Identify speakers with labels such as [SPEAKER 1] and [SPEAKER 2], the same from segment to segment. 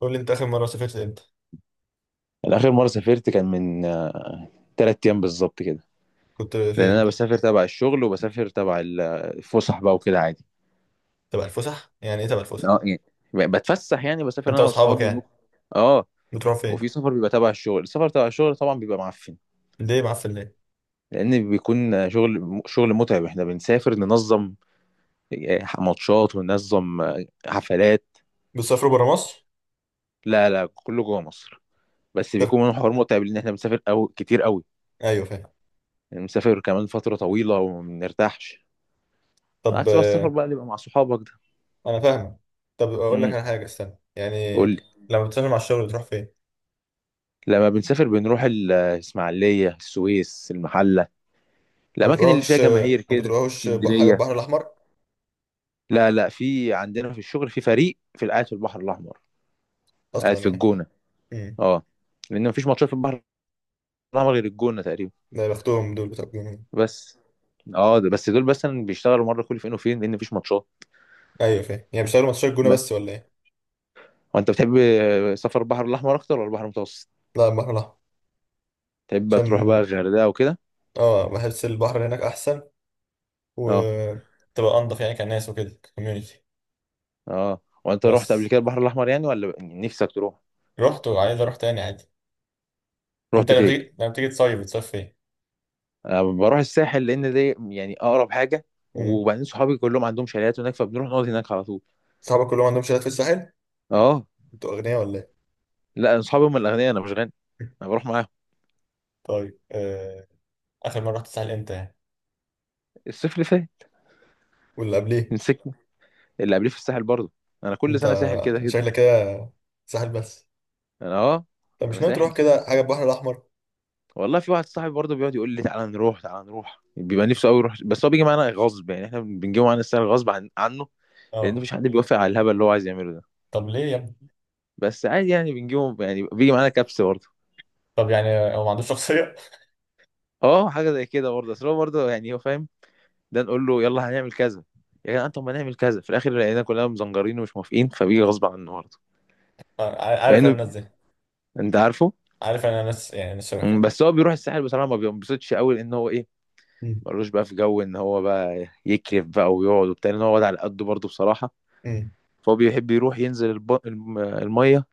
[SPEAKER 1] قول لي انت اخر مره سافرت امتى؟
[SPEAKER 2] أنا آخر مرة سافرت كان من 3 أيام بالظبط كده.
[SPEAKER 1] كنت
[SPEAKER 2] لأن أنا
[SPEAKER 1] فين؟
[SPEAKER 2] بسافر تبع الشغل وبسافر تبع الفسح بقى وكده عادي.
[SPEAKER 1] تبع الفسح يعني ايه تبع الفسح؟
[SPEAKER 2] اه يعني بتفسح، يعني بسافر
[SPEAKER 1] انت
[SPEAKER 2] أنا
[SPEAKER 1] واصحابك
[SPEAKER 2] وأصحابي ونروح.
[SPEAKER 1] يعني؟
[SPEAKER 2] اه.
[SPEAKER 1] بتروحوا فين؟
[SPEAKER 2] وفي سفر بيبقى تبع الشغل، السفر تبع الشغل طبعا بيبقى معفن.
[SPEAKER 1] ليه معفن ليه؟
[SPEAKER 2] لأن بيكون شغل متعب، احنا بنسافر ننظم ماتشات وننظم حفلات.
[SPEAKER 1] بتسافروا برا مصر؟
[SPEAKER 2] لا، لا، كله جوه مصر. بس
[SPEAKER 1] طب،
[SPEAKER 2] بيكون من حوار متعب، لأن احنا بنسافر أو كتير قوي.
[SPEAKER 1] ايوه فاهم.
[SPEAKER 2] يعني بنسافر كمان فترة طويلة وما بنرتاحش.
[SPEAKER 1] طب
[SPEAKER 2] عكس بقى السفر بقى اللي بيبقى مع صحابك ده.
[SPEAKER 1] انا فاهم. طب اقول لك
[SPEAKER 2] امم.
[SPEAKER 1] على حاجه، استنى يعني. لما بتسافر مع الشغل بتروح فين؟
[SPEAKER 2] لما بنسافر بنروح الإسماعيلية، السويس، المحلة،
[SPEAKER 1] ما
[SPEAKER 2] الأماكن اللي فيها
[SPEAKER 1] بتروحوش،
[SPEAKER 2] جماهير
[SPEAKER 1] ما
[SPEAKER 2] كده،
[SPEAKER 1] بتروحوش حاجه
[SPEAKER 2] اسكندرية.
[SPEAKER 1] البحر الاحمر
[SPEAKER 2] لا، لا، في عندنا في الشغل في فريق في قاعد في البحر الأحمر. قاعد
[SPEAKER 1] اصلا
[SPEAKER 2] في
[SPEAKER 1] يعني؟
[SPEAKER 2] الجونة.
[SPEAKER 1] امم.
[SPEAKER 2] اه لأن مفيش ماتشات في البحر الأحمر غير الجونة تقريبا.
[SPEAKER 1] ده يا بختهم دول بتوع الجونه.
[SPEAKER 2] بس. اه ده بس، دول بس بيشتغلوا مرة كل فين وفين لأن مفيش ماتشات.
[SPEAKER 1] ايوه فاهم، يعني بيشتغلوا ماتشات الجونه
[SPEAKER 2] بس.
[SPEAKER 1] بس ولا ايه؟
[SPEAKER 2] وأنت بتحب سفر البحر الأحمر أكتر ولا البحر المتوسط؟
[SPEAKER 1] لا، البحر الاحمر.
[SPEAKER 2] تحب بقى تروح بقى
[SPEAKER 1] عشان
[SPEAKER 2] الغردقة وكده؟
[SPEAKER 1] اه بحس البحر هناك احسن،
[SPEAKER 2] اه.
[SPEAKER 1] وتبقى انضف، يعني كناس وكده، كوميونتي.
[SPEAKER 2] اه وأنت رحت قبل
[SPEAKER 1] بس
[SPEAKER 2] كده البحر الأحمر يعني ولا نفسك تروح؟
[SPEAKER 1] رحت وعايز اروح تاني عادي. انت
[SPEAKER 2] رحت
[SPEAKER 1] لما
[SPEAKER 2] فين؟
[SPEAKER 1] بتيجي، لما بتيجي تصيف بتصيف فين؟
[SPEAKER 2] أنا بروح الساحل لان دي يعني اقرب حاجه.
[SPEAKER 1] امم.
[SPEAKER 2] وبعدين صحابي كلهم عندهم شاليهات هناك، فبنروح نقعد هناك على طول.
[SPEAKER 1] صحابك كلهم عندهم شالات في الساحل؟
[SPEAKER 2] اه.
[SPEAKER 1] انتوا اغنياء ولا ايه؟
[SPEAKER 2] لا، أنا صحابي هم الاغنياء، انا مش غني. انا بروح معاهم.
[SPEAKER 1] طيب. اخر مرة رحت الساحل امتى يعني؟
[SPEAKER 2] الصيف اللي فات.
[SPEAKER 1] واللي قبليه؟
[SPEAKER 2] مسكني. اللي قبليه في الساحل برضه. انا كل
[SPEAKER 1] انت
[SPEAKER 2] سنه ساحل كده كده.
[SPEAKER 1] شكلك كده ساحل بس.
[SPEAKER 2] انا اه
[SPEAKER 1] طب مش
[SPEAKER 2] انا
[SPEAKER 1] ناوي
[SPEAKER 2] ساحل.
[SPEAKER 1] تروح كده حاجه البحر الاحمر؟
[SPEAKER 2] والله في واحد صاحبي برضه بيقعد يقول لي تعالى نروح، تعالى نروح، بيبقى نفسه قوي يروح بس هو بيجي معانا غصب. يعني احنا بنجيبه معانا الساحل غصب عنه. لان
[SPEAKER 1] اه.
[SPEAKER 2] مفيش حد بيوافق على الهبل اللي هو عايز يعمله ده.
[SPEAKER 1] طب ليه يا ابني؟
[SPEAKER 2] بس عادي يعني بنجيبه، يعني بيجي معانا كبس برضه.
[SPEAKER 1] طب يعني هو ما عندوش شخصية؟
[SPEAKER 2] اه حاجه زي كده برضه، اصل هو برضه يعني هو فاهم. ده نقول له يلا هنعمل كذا، يا جدعان طب ما نعمل كذا، في الاخر لقينا كلنا مزنجرين ومش موافقين، فبيجي غصب عنه برضه. مع
[SPEAKER 1] عارف انا
[SPEAKER 2] انه.
[SPEAKER 1] الناس دي.
[SPEAKER 2] انت عارفه.
[SPEAKER 1] عارف انا ناس، يعني ناس شبه كده.
[SPEAKER 2] بس هو بيروح الساحل بصراحه ما بينبسطش قوي، لان هو ايه،
[SPEAKER 1] امم.
[SPEAKER 2] ملوش بقى في جو ان هو بقى يكرف بقى ويقعد وبتاع، ان هو واد على قده برضه بصراحه.
[SPEAKER 1] امم.
[SPEAKER 2] فهو بيحب يروح ينزل الميه،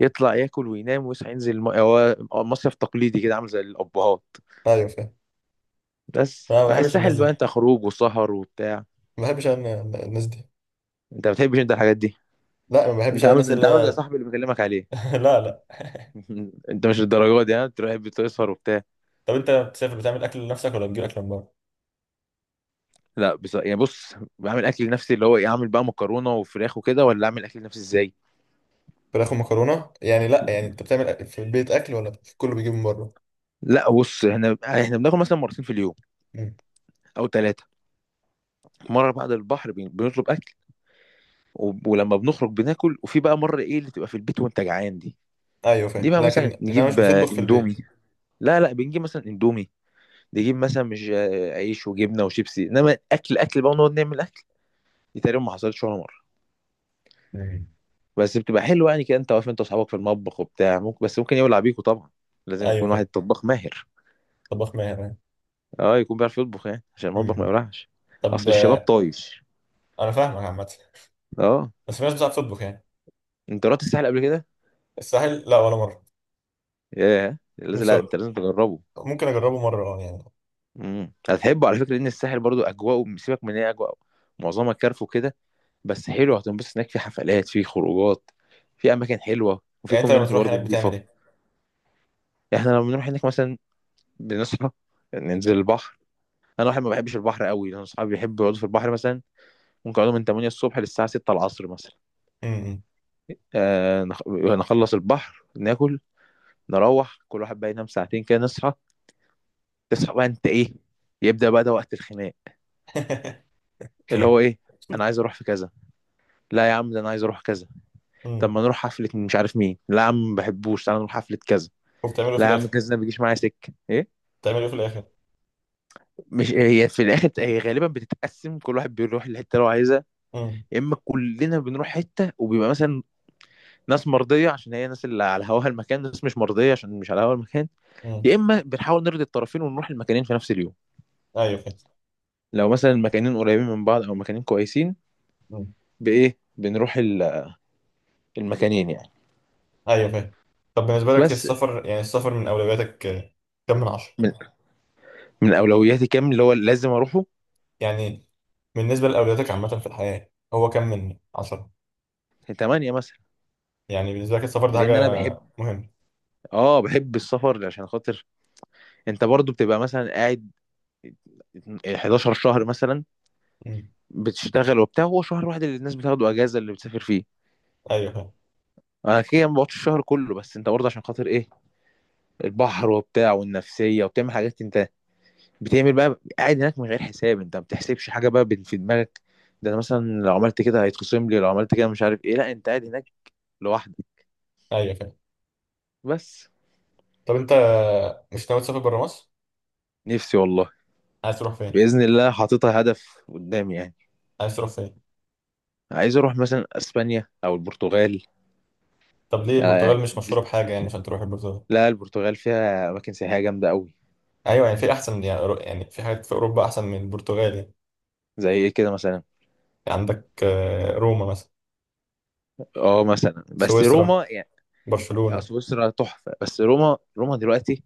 [SPEAKER 2] يطلع ياكل وينام ويصحى ينزل الميه، هو مصيف تقليدي كده عامل زي الابهات.
[SPEAKER 1] ايوه فاهم.
[SPEAKER 2] بس
[SPEAKER 1] أنا ما
[SPEAKER 2] بقى
[SPEAKER 1] بحبش الناس
[SPEAKER 2] الساحل بقى
[SPEAKER 1] دي،
[SPEAKER 2] انت خروج وسهر وبتاع.
[SPEAKER 1] ما بحبش انا الناس دي.
[SPEAKER 2] انت ما بتحبش انت الحاجات دي.
[SPEAKER 1] لا، ما بحبش
[SPEAKER 2] انت
[SPEAKER 1] انا
[SPEAKER 2] عامل،
[SPEAKER 1] الناس
[SPEAKER 2] انت
[SPEAKER 1] اللي
[SPEAKER 2] عامل زي
[SPEAKER 1] هي.
[SPEAKER 2] صاحبي اللي بكلمك عليه.
[SPEAKER 1] لا لا.
[SPEAKER 2] انت مش الدرجات دي ها تروح بتسهر وبتاع.
[SPEAKER 1] طب انت بتسافر بتعمل اكل لنفسك ولا بتجيب اكل من بره؟
[SPEAKER 2] لا، بس يعني بص بعمل اكل لنفسي، اللي هو ايه، اعمل بقى مكرونه وفراخ وكده، ولا اعمل اكل لنفسي ازاي.
[SPEAKER 1] فراخ ومكرونه يعني؟ لا، يعني انت بتعمل أكل في البيت اكل، ولا كله بيجيب من بره؟
[SPEAKER 2] لا بص احنا، احنا بناكل مثلا مرتين في اليوم
[SPEAKER 1] مم.
[SPEAKER 2] او ثلاثه. مره بعد البحر بنطلب اكل، ولما بنخرج بناكل، وفي بقى مره ايه اللي تبقى في البيت وانت جعان دي.
[SPEAKER 1] ايوه
[SPEAKER 2] دي
[SPEAKER 1] فاهم،
[SPEAKER 2] بقى مثلا
[SPEAKER 1] لكن انا مش
[SPEAKER 2] نجيب
[SPEAKER 1] بتطبخ في البيت.
[SPEAKER 2] اندومي. لا، لا، بنجيب مثلا اندومي، نجيب مثلا مش عيش وجبنه وشيبسي، انما اكل اكل بقى ونقعد نعمل اكل. دي تقريبا ما حصلتش ولا مره.
[SPEAKER 1] مم.
[SPEAKER 2] بس بتبقى حلوه يعني كده، انت واقف انت واصحابك في المطبخ وبتاع، ممكن بس ممكن يولع بيكوا طبعا، لازم
[SPEAKER 1] ايوه
[SPEAKER 2] يكون واحد
[SPEAKER 1] فاهم.
[SPEAKER 2] طباخ ماهر.
[SPEAKER 1] طباخ ماهر يعني؟
[SPEAKER 2] اه يكون بيعرف يطبخ يعني عشان المطبخ ما
[SPEAKER 1] مم.
[SPEAKER 2] يولعش.
[SPEAKER 1] طب
[SPEAKER 2] اصل الشباب طايش.
[SPEAKER 1] انا فاهمك عامه.
[SPEAKER 2] اه.
[SPEAKER 1] بس في ناس بتعرف تطبخ يعني.
[SPEAKER 2] انت رحت الساحل قبل كده؟
[SPEAKER 1] الساحل لا، ولا مره.
[SPEAKER 2] ياه لازم، لا انت
[SPEAKER 1] بصراحه
[SPEAKER 2] لازم تجربه.
[SPEAKER 1] ممكن اجربه مره، اه يعني.
[SPEAKER 2] هتحبه على فكره، لان الساحل برضو اجواء، سيبك من إن هي اجواء معظمها كارف وكده، بس حلو هتنبسط هناك، في حفلات، في خروجات، في اماكن حلوه، وفي
[SPEAKER 1] يعني انت لما
[SPEAKER 2] كوميونتي
[SPEAKER 1] تروح
[SPEAKER 2] برضو
[SPEAKER 1] هناك بتعمل
[SPEAKER 2] نضيفه.
[SPEAKER 1] ايه؟
[SPEAKER 2] يعني احنا لما بنروح هناك مثلا بنصحى، ننزل البحر. انا واحد ما بحبش البحر قوي، انا اصحابي بيحبوا يقعدوا في البحر مثلا ممكن اقعده من 8 الصبح للساعه 6 العصر مثلا.
[SPEAKER 1] مم.
[SPEAKER 2] نخلص البحر، ناكل، نروح كل واحد بقى ينام ساعتين كده، نصحى. تصحى بقى انت ايه، يبدا بقى ده وقت الخناق، اللي هو ايه، انا عايز اروح في كذا، لا يا عم ده انا عايز اروح كذا، طب
[SPEAKER 1] مم.
[SPEAKER 2] ما نروح حفله مش عارف مين، لا يا عم ما بحبوش تعالى نروح حفله كذا،
[SPEAKER 1] وبتعمله في
[SPEAKER 2] لا يا عم
[SPEAKER 1] الاخر؟
[SPEAKER 2] كذا ده ما بيجيش معايا سكه ايه.
[SPEAKER 1] بتعمله في الاخر.
[SPEAKER 2] مش هي في الاخر هي غالبا بتتقسم كل واحد بيروح الحته اللي هو عايزها.
[SPEAKER 1] مم.
[SPEAKER 2] يا اما كلنا بنروح حته وبيبقى مثلا ناس مرضيه عشان هي ناس اللي على هواها المكان، ناس مش مرضيه عشان مش على هواها المكان.
[SPEAKER 1] مم.
[SPEAKER 2] يا اما بنحاول نرضي الطرفين ونروح المكانين في نفس اليوم،
[SPEAKER 1] ايوه
[SPEAKER 2] لو مثلا المكانين قريبين من بعض او مكانين كويسين.
[SPEAKER 1] فاهم.
[SPEAKER 2] بايه بنروح المكانين يعني.
[SPEAKER 1] ايوه فاهم. طب بالنسبه لك
[SPEAKER 2] بس.
[SPEAKER 1] السفر، يعني السفر من اولوياتك كم من عشرة؟
[SPEAKER 2] من من اولوياتي كام اللي هو لازم اروحه؟
[SPEAKER 1] يعني بالنسبه لاولوياتك عامه في الحياه هو كم من عشرة؟
[SPEAKER 2] 8 مثلا.
[SPEAKER 1] يعني بالنسبه لك السفر ده حاجه
[SPEAKER 2] لان انا بحب،
[SPEAKER 1] مهمه؟
[SPEAKER 2] اه بحب السفر عشان خاطر، انت برضو بتبقى مثلا قاعد 11 شهر مثلا
[SPEAKER 1] مم.
[SPEAKER 2] بتشتغل وبتاع، هو شهر واحد اللي الناس بتاخده اجازه اللي بتسافر فيه.
[SPEAKER 1] ايوه فاهم.
[SPEAKER 2] انا كده ما بقعدش الشهر كله، بس انت برضه عشان خاطر ايه، البحر وبتاع والنفسيه، وبتعمل حاجات انت بتعمل بقى قاعد هناك من غير حساب، انت ما بتحسبش حاجه بقى في دماغك، ده انا مثلا لو عملت كده هيتخصم لي، لو عملت كده مش عارف ايه، لا انت قاعد هناك لوحدك.
[SPEAKER 1] ايوه فاهم.
[SPEAKER 2] بس.
[SPEAKER 1] طب انت مش ناوي تسافر بره مصر؟
[SPEAKER 2] نفسي والله.
[SPEAKER 1] عايز تروح فين؟
[SPEAKER 2] باذن الله حاططها هدف قدامي يعني.
[SPEAKER 1] عايز تروح فين؟
[SPEAKER 2] عايز اروح مثلا اسبانيا او البرتغال.
[SPEAKER 1] طب ليه البرتغال،
[SPEAKER 2] يعني.
[SPEAKER 1] مش مشهوره بحاجه يعني عشان تروح البرتغال؟
[SPEAKER 2] لا البرتغال فيها اماكن سياحيه جامده قوي.
[SPEAKER 1] ايوه يعني في احسن، يعني في حاجات في اوروبا احسن من البرتغال يعني.
[SPEAKER 2] زي ايه كده مثلا.
[SPEAKER 1] يعني عندك روما مثلا.
[SPEAKER 2] اه مثلا بس
[SPEAKER 1] سويسرا.
[SPEAKER 2] روما يعني.
[SPEAKER 1] برشلونه.
[SPEAKER 2] سويسرا تحفه، بس روما، روما دلوقتي،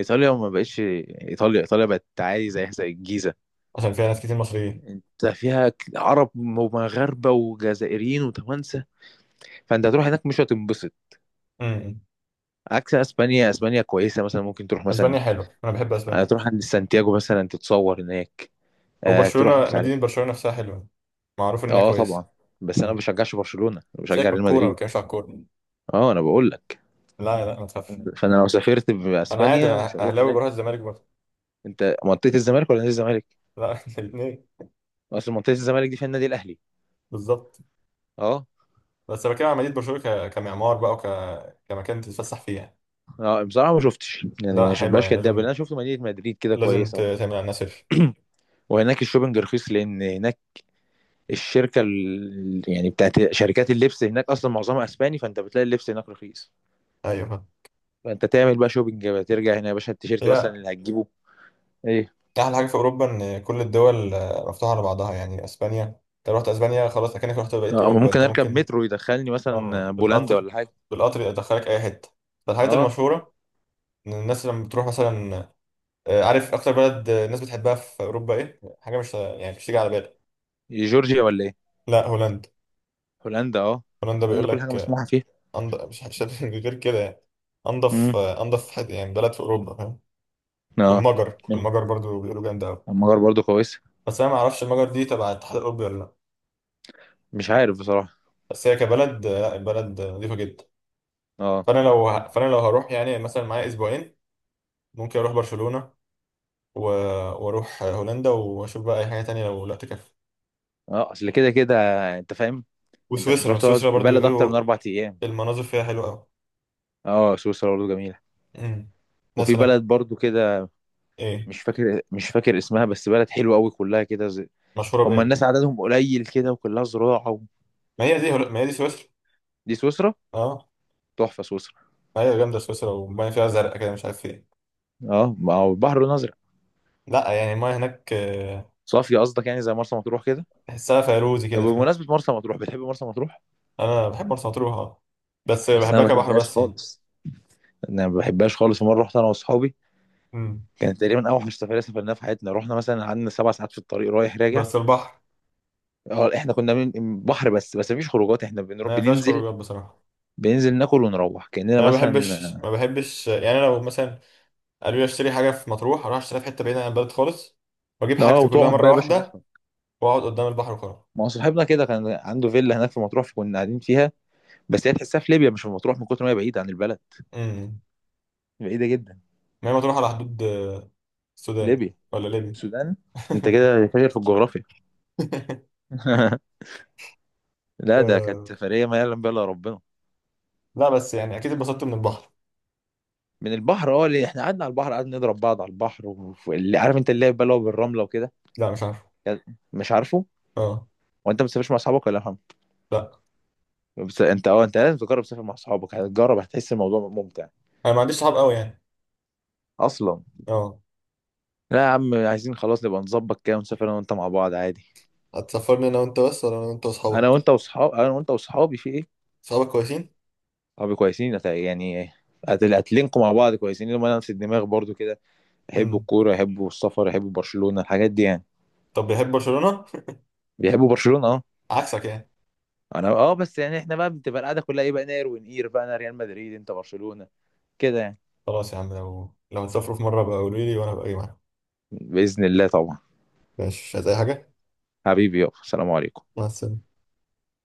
[SPEAKER 2] ايطاليا ما بقتش ايطاليا، ايطاليا بقت عادي زي زي الجيزه.
[SPEAKER 1] عشان فيها ناس كتير مصريين.
[SPEAKER 2] انت فيها عرب ومغاربه وجزائريين وتوانسه، فانت هتروح هناك مش هتنبسط.
[SPEAKER 1] مم.
[SPEAKER 2] عكس اسبانيا، اسبانيا كويسه، مثلا ممكن تروح مثلا
[SPEAKER 1] اسبانيا حلوه، انا بحب اسبانيا.
[SPEAKER 2] تروح عند سانتياغو مثلا تتصور هناك، تروح
[SPEAKER 1] وبرشلونة،
[SPEAKER 2] مش عارف.
[SPEAKER 1] مدينة برشلونة نفسها حلوة، معروف إنها
[SPEAKER 2] اه
[SPEAKER 1] كويسة.
[SPEAKER 2] طبعا. بس انا ما
[SPEAKER 1] مم.
[SPEAKER 2] بشجعش برشلونه، انا بشجع
[SPEAKER 1] سيبك من
[SPEAKER 2] ريال
[SPEAKER 1] الكورة، ما
[SPEAKER 2] مدريد.
[SPEAKER 1] بتكلمش على الكورة.
[SPEAKER 2] اه انا بقول لك.
[SPEAKER 1] لا لا، ما تخافش.
[SPEAKER 2] فانا لو سافرت
[SPEAKER 1] أنا عادي،
[SPEAKER 2] باسبانيا مش
[SPEAKER 1] أنا
[SPEAKER 2] هروح
[SPEAKER 1] أهلاوي
[SPEAKER 2] هناك.
[SPEAKER 1] بروح الزمالك برضه.
[SPEAKER 2] انت منطقه الزمالك ولا نادي الزمالك؟
[SPEAKER 1] لا الاتنين.
[SPEAKER 2] اصل منطقه الزمالك دي فيها النادي الاهلي.
[SPEAKER 1] بالظبط.
[SPEAKER 2] اه.
[SPEAKER 1] بس بتكلم على مدينة برشلونة، كمعمار بقى، كمكان تتفسح فيه يعني.
[SPEAKER 2] اه بصراحه ما شفتش، يعني
[SPEAKER 1] لا
[SPEAKER 2] عشان ما
[SPEAKER 1] حلوة
[SPEAKER 2] بقاش
[SPEAKER 1] يعني،
[SPEAKER 2] كداب، اللي
[SPEAKER 1] لازم،
[SPEAKER 2] انا شفت مدينه مدريد كده
[SPEAKER 1] لازم
[SPEAKER 2] كويسه وبتاع.
[SPEAKER 1] تعمل عنها سيرش.
[SPEAKER 2] وهناك الشوبنج رخيص لان هناك الشركه يعني بتاعت شركات اللبس هناك اصلا معظمها اسباني، فانت بتلاقي اللبس هناك رخيص.
[SPEAKER 1] أيوه.
[SPEAKER 2] فانت تعمل بقى شوبينج بقى ترجع هنا يا باشا التيشيرت مثلا
[SPEAKER 1] هي
[SPEAKER 2] اللي هتجيبه. ايه.
[SPEAKER 1] أحلى حاجة في أوروبا إن كل الدول مفتوحة على بعضها. يعني أسبانيا، أنت رحت أسبانيا خلاص أكنك رحت بقية
[SPEAKER 2] اه أما
[SPEAKER 1] أوروبا
[SPEAKER 2] ممكن
[SPEAKER 1] أنت،
[SPEAKER 2] اركب
[SPEAKER 1] ممكن.
[SPEAKER 2] مترو يدخلني
[SPEAKER 1] أه،
[SPEAKER 2] مثلا بولندا
[SPEAKER 1] بالقطر.
[SPEAKER 2] ولا حاجه.
[SPEAKER 1] بالقطر يدخلك أي حتة. ده الحاجات
[SPEAKER 2] اه.
[SPEAKER 1] المشهورة. الناس لما بتروح مثلا عارف اكتر بلد الناس بتحبها في اوروبا ايه؟ حاجه مش، يعني مش تيجي على بالك.
[SPEAKER 2] جورجيا ولا ايه؟
[SPEAKER 1] لا، هولندا.
[SPEAKER 2] هولندا اه.
[SPEAKER 1] هولندا بيقول
[SPEAKER 2] هولندا كل حاجه
[SPEAKER 1] لك
[SPEAKER 2] مسموحه فيها.
[SPEAKER 1] أنض... مش مش غير كده يعني، انضف،
[SPEAKER 2] امم.
[SPEAKER 1] انضف حد يعني بلد في اوروبا، فاهم.
[SPEAKER 2] اه.
[SPEAKER 1] والمجر، المجر برضو بيقولوا جامده قوي.
[SPEAKER 2] المجر برضو كويسه.
[SPEAKER 1] بس انا ما اعرفش المجر دي تبع الاتحاد الاوروبي ولا لا.
[SPEAKER 2] مش عارف بصراحه.
[SPEAKER 1] بس هي كبلد آه، لا البلد نظيفه جدا.
[SPEAKER 2] اه.
[SPEAKER 1] فانا لو هروح يعني مثلا معايا اسبوعين، ممكن اروح برشلونه و... واروح هولندا، واشوف بقى اي حاجه تانية لو لا تكفي.
[SPEAKER 2] اه اصل كده كده، انت فاهم. انت مش هتروح
[SPEAKER 1] وسويسرا،
[SPEAKER 2] تقعد
[SPEAKER 1] سويسرا
[SPEAKER 2] في
[SPEAKER 1] برضو
[SPEAKER 2] بلد اكتر
[SPEAKER 1] بيقولوا
[SPEAKER 2] من 4 ايام.
[SPEAKER 1] المناظر فيها حلوه قوي.
[SPEAKER 2] اه سويسرا برضو جميله.
[SPEAKER 1] امم. الناس
[SPEAKER 2] وفي
[SPEAKER 1] هناك.
[SPEAKER 2] بلد برضو كده.
[SPEAKER 1] ايه؟
[SPEAKER 2] مش فاكر، مش فاكر اسمها، بس بلد حلوه قوي كلها كده زي...
[SPEAKER 1] مشهوره
[SPEAKER 2] هم
[SPEAKER 1] بايه؟
[SPEAKER 2] الناس عددهم قليل كده وكلها زراعه و...
[SPEAKER 1] ما هي دي سويسرا.
[SPEAKER 2] دي سويسرا.
[SPEAKER 1] اه.
[SPEAKER 2] تحفه سويسرا.
[SPEAKER 1] ايوه جامده سويسرا، والميه فيها زرقاء كده، مش عارف ايه.
[SPEAKER 2] اه ما هو البحر الازرق.
[SPEAKER 1] لا يعني الميه هناك
[SPEAKER 2] صافي قصدك، يعني زي مرسى مطروح كده.
[SPEAKER 1] تحسها فيروزي
[SPEAKER 2] طب
[SPEAKER 1] كده، فاهم.
[SPEAKER 2] بمناسبه مرسى مطروح، بتحب مرسى مطروح؟
[SPEAKER 1] انا بحب مرسى مطروح آه. بس
[SPEAKER 2] بس انا
[SPEAKER 1] بحبها
[SPEAKER 2] ما
[SPEAKER 1] كبحر
[SPEAKER 2] بحبهاش
[SPEAKER 1] بس يعني.
[SPEAKER 2] خالص. انا ما بحبهاش خالص، مره رحت انا واصحابي
[SPEAKER 1] امم.
[SPEAKER 2] كانت تقريبا اوحش سفريه سافرناها في حياتنا، رحنا مثلا قعدنا 7 ساعات في الطريق رايح راجع.
[SPEAKER 1] بس البحر.
[SPEAKER 2] اه احنا كنا من بحر بس مفيش خروجات، احنا بنروح
[SPEAKER 1] ما فيهاش
[SPEAKER 2] بننزل،
[SPEAKER 1] خروجات بصراحه.
[SPEAKER 2] بننزل ناكل ونروح كاننا
[SPEAKER 1] انا ما بحبش،
[SPEAKER 2] مثلا.
[SPEAKER 1] ما بحبش يعني. لو مثلا قالوا لي اشتري حاجه في مطروح، اروح اشتريها في حته بعيده عن البلد خالص، واجيب
[SPEAKER 2] اه
[SPEAKER 1] حاجتي كلها
[SPEAKER 2] وتقعد بقى
[SPEAKER 1] مره
[SPEAKER 2] يا باشا
[SPEAKER 1] واحده،
[SPEAKER 2] بحر.
[SPEAKER 1] واقعد قدام البحر وخلاص.
[SPEAKER 2] ما هو صاحبنا كده كان عنده فيلا هناك في مطروح كنا قاعدين فيها، بس هي تحسها في ليبيا مش في مطروح من كتر ما هي بعيدة عن البلد.
[SPEAKER 1] امم.
[SPEAKER 2] بعيدة جدا.
[SPEAKER 1] ما هي مطروح على حدود السودان
[SPEAKER 2] ليبيا.
[SPEAKER 1] ولا ليبيا؟
[SPEAKER 2] السودان. انت كده فاكر في الجغرافيا. لا ده كانت
[SPEAKER 1] آه،
[SPEAKER 2] سفرية ما يعلم بها الا ربنا.
[SPEAKER 1] لا بس يعني اكيد اتبسطت من البحر.
[SPEAKER 2] من البحر اه، اللي احنا قعدنا على البحر، قعدنا نضرب بعض على البحر، واللي عارف انت اللعب بقى اللي هو بالرملة وكده.
[SPEAKER 1] لا مش عارف.
[SPEAKER 2] مش عارفه.
[SPEAKER 1] اه.
[SPEAKER 2] هو انت ما بتسافرش مع اصحابك ولا فاهم؟
[SPEAKER 1] لا،
[SPEAKER 2] بس انت اه، انت لازم تجرب تسافر مع اصحابك، هتجرب هتحس الموضوع ممتع.
[SPEAKER 1] انا ما عنديش صحاب قوي يعني.
[SPEAKER 2] اصلا.
[SPEAKER 1] اه.
[SPEAKER 2] لا يا عم عايزين خلاص نبقى نظبط كده ونسافر انا وانت مع بعض عادي.
[SPEAKER 1] هتسافرني انا وانت بس، ولا انا وانت
[SPEAKER 2] انا
[SPEAKER 1] واصحابك؟
[SPEAKER 2] وانت واصحاب، انا وانت واصحابي في ايه.
[SPEAKER 1] صحابك كويسين؟
[SPEAKER 2] صحابي كويسين، هتلينكوا مع بعض كويسين لما انا نفس الدماغ برضو كده، يحبوا
[SPEAKER 1] امم.
[SPEAKER 2] الكوره، يحبوا السفر، يحبوا برشلونه، الحاجات دي يعني.
[SPEAKER 1] طب بيحب برشلونة؟
[SPEAKER 2] بيحبوا برشلونه اه.
[SPEAKER 1] عكسك يعني.
[SPEAKER 2] انا اه بس يعني احنا بقى بتبقى القعده كلها ايه بقى نار ونقير بقى، انا ريال مدريد انت برشلونه، كده يعني.
[SPEAKER 1] خلاص يا عم، لو تسافروا في مرة بقى قولوا لي، وانا بقى اجي معاكم.
[SPEAKER 2] باذن الله طبعا.
[SPEAKER 1] ماشي، مش عايز اي حاجه.
[SPEAKER 2] حبيبي يابا، سلام عليكم.
[SPEAKER 1] مع السلامه.